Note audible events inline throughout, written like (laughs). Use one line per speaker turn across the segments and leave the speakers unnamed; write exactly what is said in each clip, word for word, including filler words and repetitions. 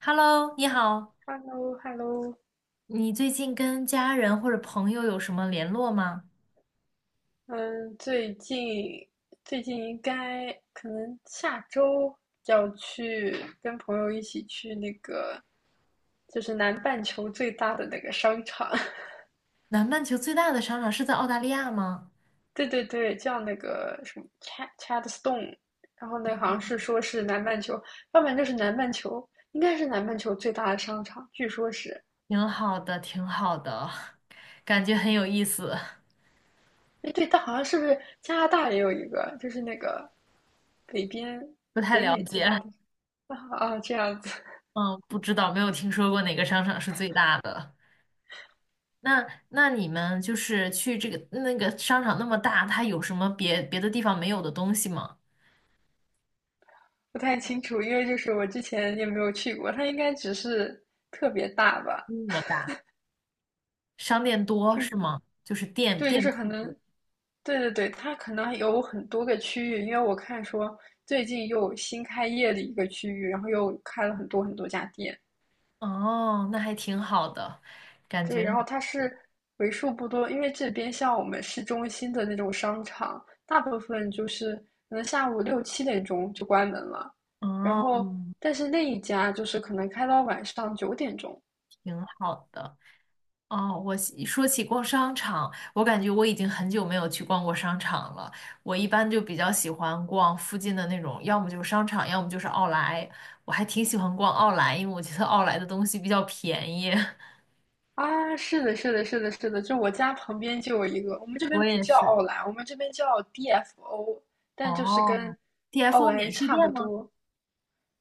Hello，你好，
h e l l o h e l l o
你最近跟家人或者朋友有什么联络吗？
嗯，最近最近应该可能下周要去跟朋友一起去那个，就是南半球最大的那个商场，
南半球最大的商场是在澳大利亚吗？
(laughs) 对对对，叫那个什么 Chad Chadstone，然后那好像是说是南半球，要不然就是南半球，应该是南半球最大的商场，据说是，
挺好的，挺好的，(laughs) 感觉很有意思。
哎对，但好像是不是加拿大也有一个，就是那个北边
不太
北
了
美最
解。
大的。啊啊这样子。
嗯，不知道，没有听说过哪个商场是最大的。那那你们就是去这个那个商场那么大，它有什么别别的地方没有的东西吗？
不太清楚，因为就是我之前也没有去过，它应该只是特别大吧？
规模大，商店多
就
是吗？就是店
对，就
店
是
铺
可能，
多。
对对对，它可能有很多个区域，因为我看说最近又新开业的一个区域，然后又开了很多很多家店。
哦，那还挺好的，感
对，
觉。
然后它是为数不多，因为这边像我们市中心的那种商场，大部分就是可能下午六七点钟就关门了，然
哦，
后但是那一家就是可能开到晚上九点钟。
挺好的。哦，我喜说起逛商场，我感觉我已经很久没有去逛过商场了。我一般就比较喜欢逛附近的那种，要么就是商场，要么就是奥莱。我还挺喜欢逛奥莱，因为我觉得奥莱的东西比较便宜。(laughs)
啊，是的，是的，是的，是的，就我家旁边就有一个，我们这边
我
不
也
叫
是。
奥莱，我们这边叫 D F O，但就是
哦
跟奥
，T F O
莱
免税
差不
店吗？
多。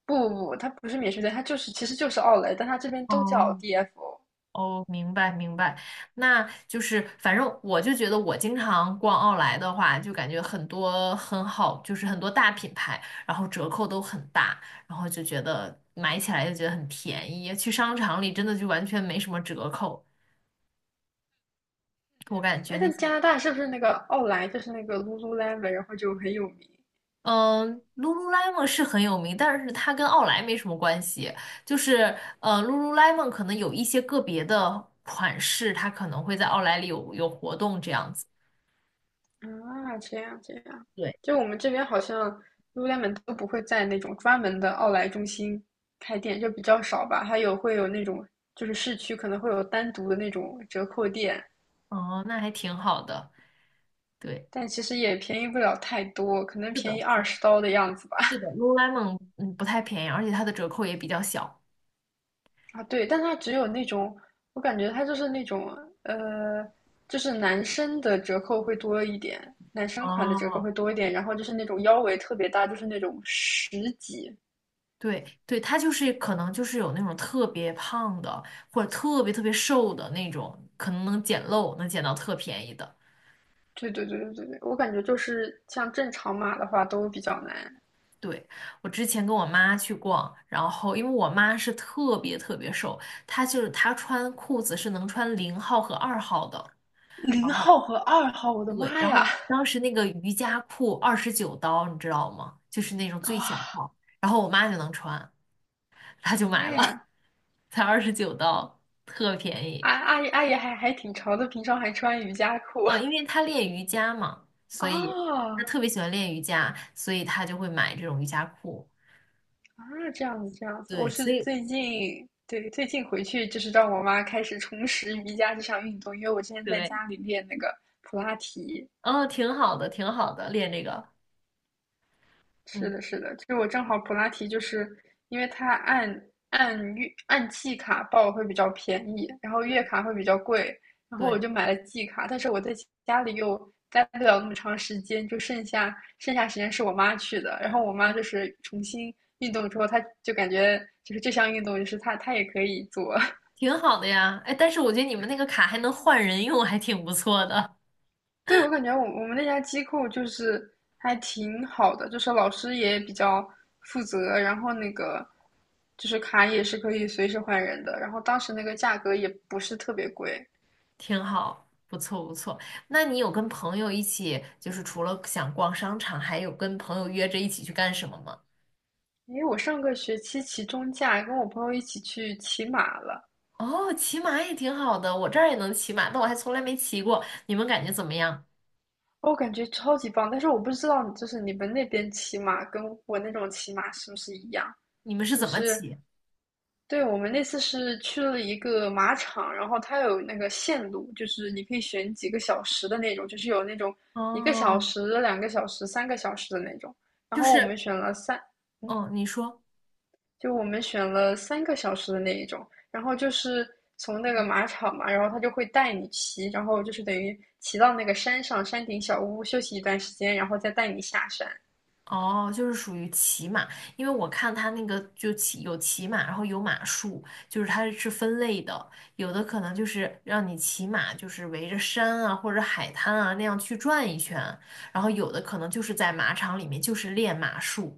不不不，它不是免税店，它就是其实就是奥莱，但它这边都叫
哦，
D F O。
哦，明白明白。那就是反正我就觉得，我经常逛奥莱的话，就感觉很多很好，就是很多大品牌，然后折扣都很大，然后就觉得买起来就觉得很便宜。去商场里真的就完全没什么折扣，我感
哎，
觉那
但
些，
加拿大是不是那个奥莱就是那个 Lululemon，然后就很有名？
嗯，Lululemon 是很有名，但是它跟奥莱没什么关系。就是呃，Lululemon 可能有一些个别的款式，它可能会在奥莱里有有活动这样子。
啊，这样这样，
对。
就我们这边好像 Lululemon 都不会在那种专门的奥莱中心开店，就比较少吧。还有会有那种，就是市区可能会有单独的那种折扣店，
哦，那还挺好的。对，
但其实也便宜不了太多，可能
是
便
的，
宜
是
二
的
十刀的样子吧。
是的，Lululemon 嗯不太便宜，而且它的折扣也比较小。
(laughs) 啊，对，但它只有那种，我感觉它就是那种，呃，就是男生的折扣会多一点，男生款的折扣
哦，
会多一点，然后就是那种腰围特别大，就是那种十几。
对对，它就是可能就是有那种特别胖的或者特别特别瘦的那种，可能能捡漏，能捡到特便宜的。
对对对对对对，我感觉就是像正常码的话都比较难。
对，我之前跟我妈去逛，然后因为我妈是特别特别瘦，她就是她穿裤子是能穿零号和二号的。
零
然后
号和二号，我的
对，
妈
然
呀！
后当时那个瑜伽裤二十九刀，你知道吗？就是那种最小
哇，
号，然后我妈就能穿，她就
妈
买了，
呀，
(laughs) 才二十九刀，特便宜。
阿阿姨阿姨还还挺潮的，平常还穿瑜伽裤。
嗯，因为她练瑜伽嘛，
(laughs)
所以她
哦
特别喜欢练瑜伽，所以她就会买这种瑜伽裤。
啊，这样子这样子。我
对，所
是
以
最近对最近回去就是让我妈开始重拾瑜伽这项运动，因为我之前在
对，
家里练那个普拉提，
哦，挺好的，挺好的，练这个，
是
嗯，
的，是的，就是我正好普拉提，就是因为它按按月按季卡报会比较便宜，然后月卡会比较贵，然后我
对，
就买了季卡，但是我在家里又待不了那么长时间，就剩下剩下时间是我妈去的，然后我妈就是重新运动之后，她就感觉就是这项运动就是她她也可以做。
挺好的呀。哎，但是我觉得你们那个卡还能换人用，还挺不错的。
对，我感觉我我们那家机构就是还挺好的，就是老师也比较负责，然后那个就是卡也是可以随时换人的，然后当时那个价格也不是特别贵。
挺好，不错不错。那你有跟朋友一起，就是除了想逛商场，还有跟朋友约着一起去干什么吗？
因为我上个学期期中假跟我朋友一起去骑马了，
哦，骑马也挺好的，我这儿也能骑马，但我还从来没骑过。你们感觉怎么样？
我感觉超级棒，但是我不知道就是你们那边骑马跟我那种骑马是不是一样，
你们是
就
怎么
是
骑？
对，我们那次是去了一个马场，然后它有那个线路，就是你可以选几个小时的那种，就是有那种一个小
哦，
时、两个小时、三个小时的那种。然
就
后我
是，
们选了三，嗯，
嗯，你说。
就我们选了三个小时的那一种。然后就是从那个马场嘛，然后他就会带你骑，然后就是等于骑到那个山上山顶小屋休息一段时间，然后再带你下山。
哦，就是属于骑马，因为我看它那个就骑有骑马，然后有马术，就是它是分类的，有的可能就是让你骑马，就是围着山啊或者海滩啊那样去转一圈，然后有的可能就是在马场里面就是练马术。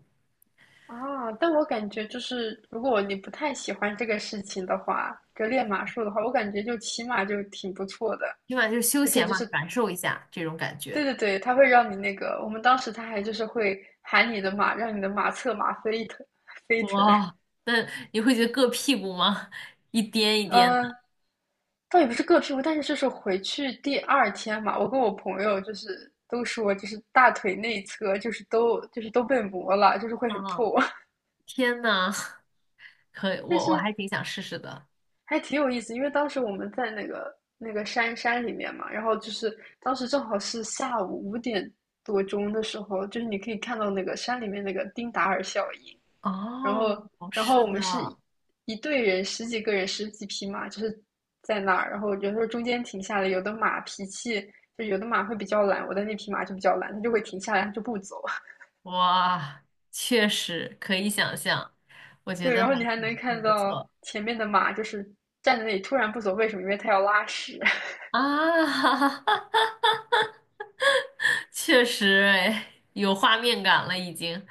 啊，但我感觉就是，如果你不太喜欢这个事情的话，就练马术的话，我感觉就骑马就挺不错的，
起码就是休
而且
闲
就
嘛，
是，
感受一下这种感
对
觉。
对对，它会让你那个，我们当时他还就是会喊你的马，让你的马侧马飞腾飞腾。
哇，那你会觉得硌屁股吗？一颠一颠
呃，
的。
倒也不是各屁股，但是就是回去第二天嘛，我跟我朋友就是都说，就是大腿内侧就是都就是都被磨了，就是会很
啊，
痛。(laughs)
天呐，(laughs) 可以，
但
我我
是
还挺想试试的。
还挺有意思，因为当时我们在那个那个山山里面嘛，然后就是当时正好是下午五点多钟的时候，就是你可以看到那个山里面那个丁达尔效应。然
哦，
后然后
是
我
的。
们是一一队人十几个人十几匹马，就是在那儿，然后有时候中间停下来，有的马脾气就有的马会比较懒，我的那匹马就比较懒，它就会停下来，它就不走。(laughs)
哇，确实可以想象，我觉
对，
得
然
还
后你还能
挺
看
挺不错
到前面的马就是站在那里突然不走，为什么？因为它要拉屎。
啊。(laughs) 确实，哎，有画面感了已经。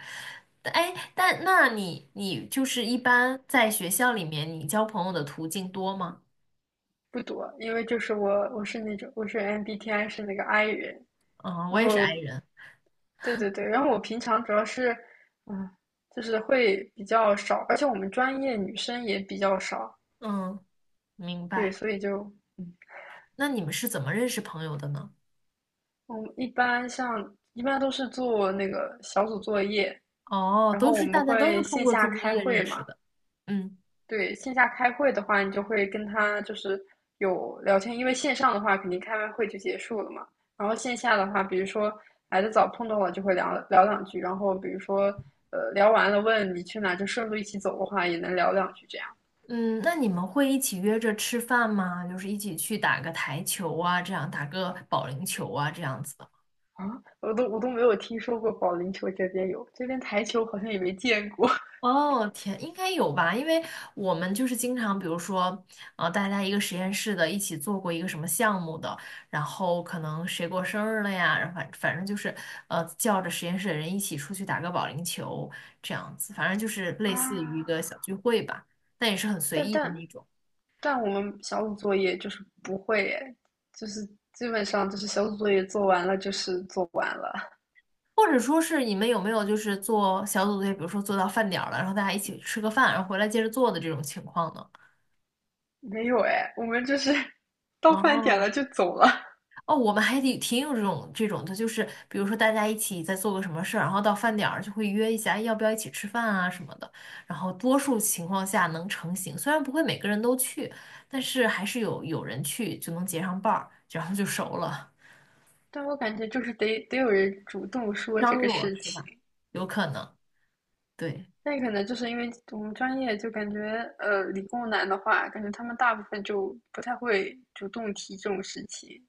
哎，但那你你就是一般在学校里面，你交朋友的途径多吗？
不多，因为就是我我是那种我是 M B T I 是那个 I 人。
嗯，我
然
也是 i
后
人。
对对对，然后我平常主要是嗯，就是会比较少，而且我们专业女生也比较少。
嗯，明
对，
白。
所以就嗯，
那你们是怎么认识朋友的呢？
我们一般像一般都是做那个小组作业，
哦，
然
都
后我
是
们
大家都
会
是通
线
过
下
做作
开
业
会
认识
嘛。
的。嗯。
对，线下开会的话，你就会跟他就是有聊天，因为线上的话肯定开完会就结束了嘛。然后线下的话，比如说来的早碰到了就会聊聊两句，然后比如说呃聊完了问你去哪，就顺路一起走的话也能聊两句这样。
嗯，那你们会一起约着吃饭吗？就是一起去打个台球啊，这样打个保龄球啊，这样子的吗？
啊，我都我都没有听说过保龄球这边有，这边台球好像也没见过。 (laughs)
哦，天，应该有吧？因为我们就是经常，比如说，呃，大家一个实验室的，一起做过一个什么项目的，然后可能谁过生日了呀，然后反反正就是，呃，叫着实验室的人一起出去打个保龄球，这样子，反正就是类似于一个
啊。
小聚会吧，但也是很随
但
意的
但
那种。
但我们小组作业就是不会诶，就是基本上就是小组作业做完了就是做完了。
或者说是你们有没有就是做小组作业，比如说做到饭点儿了，然后大家一起吃个饭，然后回来接着做的这种情况呢？
没有哎，我们就是 (laughs) 到饭点
哦
了就走了。(laughs)
哦，我们还挺挺有这种这种的，就是比如说大家一起在做个什么事儿，然后到饭点儿就会约一下，哎要不要一起吃饭啊什么的。然后多数情况下能成行，虽然不会每个人都去，但是还是有有人去就能结上伴儿，然后就熟了。
但我感觉就是得得有人主动说这
张
个
罗
事
是吧？
情。
有可能，对。
那可能就是因为我们专业就感觉，呃，理工男的话，感觉他们大部分就不太会主动提这种事情。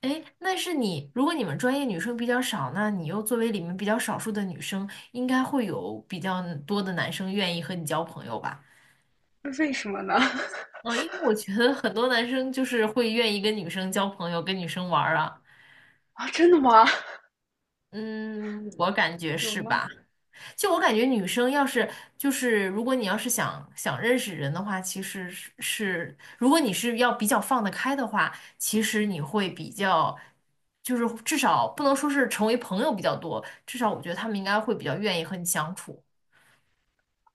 哎，那是你，如果你们专业女生比较少，那你又作为里面比较少数的女生，应该会有比较多的男生愿意和你交朋友吧？
那为什么呢？(laughs)
嗯，因为我觉得很多男生就是会愿意跟女生交朋友，跟女生玩儿啊。
啊，真的吗？
嗯，我感觉
有
是
吗？
吧？就我感觉，女生要是就是如果你要是想想认识人的话，其实是是如果你是要比较放得开的话，其实你会比较就是至少不能说是成为朋友比较多，至少我觉得他们应该会比较愿意和你相处。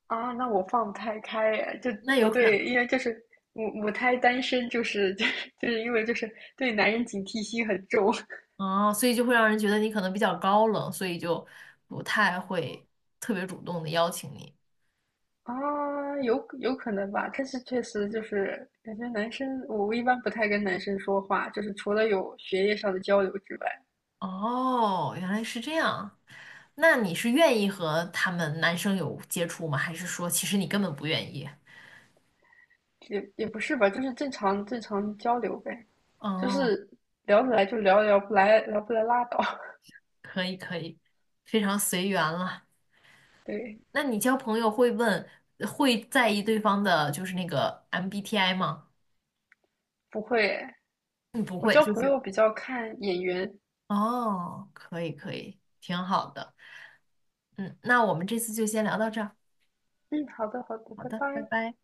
啊，那我放不太开耶。就
那
我
有可能
对，因为就是母母胎单身，就是 (laughs) 就是因为就是对男人警惕心很重。
啊，所以就会让人觉得你可能比较高冷，所以就不太会特别主动的邀请你。
啊，有有可能吧，但是确实就是感觉男生，我一般不太跟男生说话，就是除了有学业上的交流之外，
哦，原来是这样。那你是愿意和他们男生有接触吗？还是说其实你根本不愿意？
也也不是吧，就是正常正常交流呗，就
哦，
是聊得来就聊，聊不来聊不来拉倒。(laughs)
可以可以，非常随缘了。
对，
那你交朋友会问，会在意对方的就是那个 M B T I 吗？
不会，
嗯，不
我
会，
交
就
朋
是
友比较看眼缘。
哦，可以可以，挺好的。嗯，那我们这次就先聊到这儿。
嗯，好的好的，
好
拜
的，拜
拜。
拜。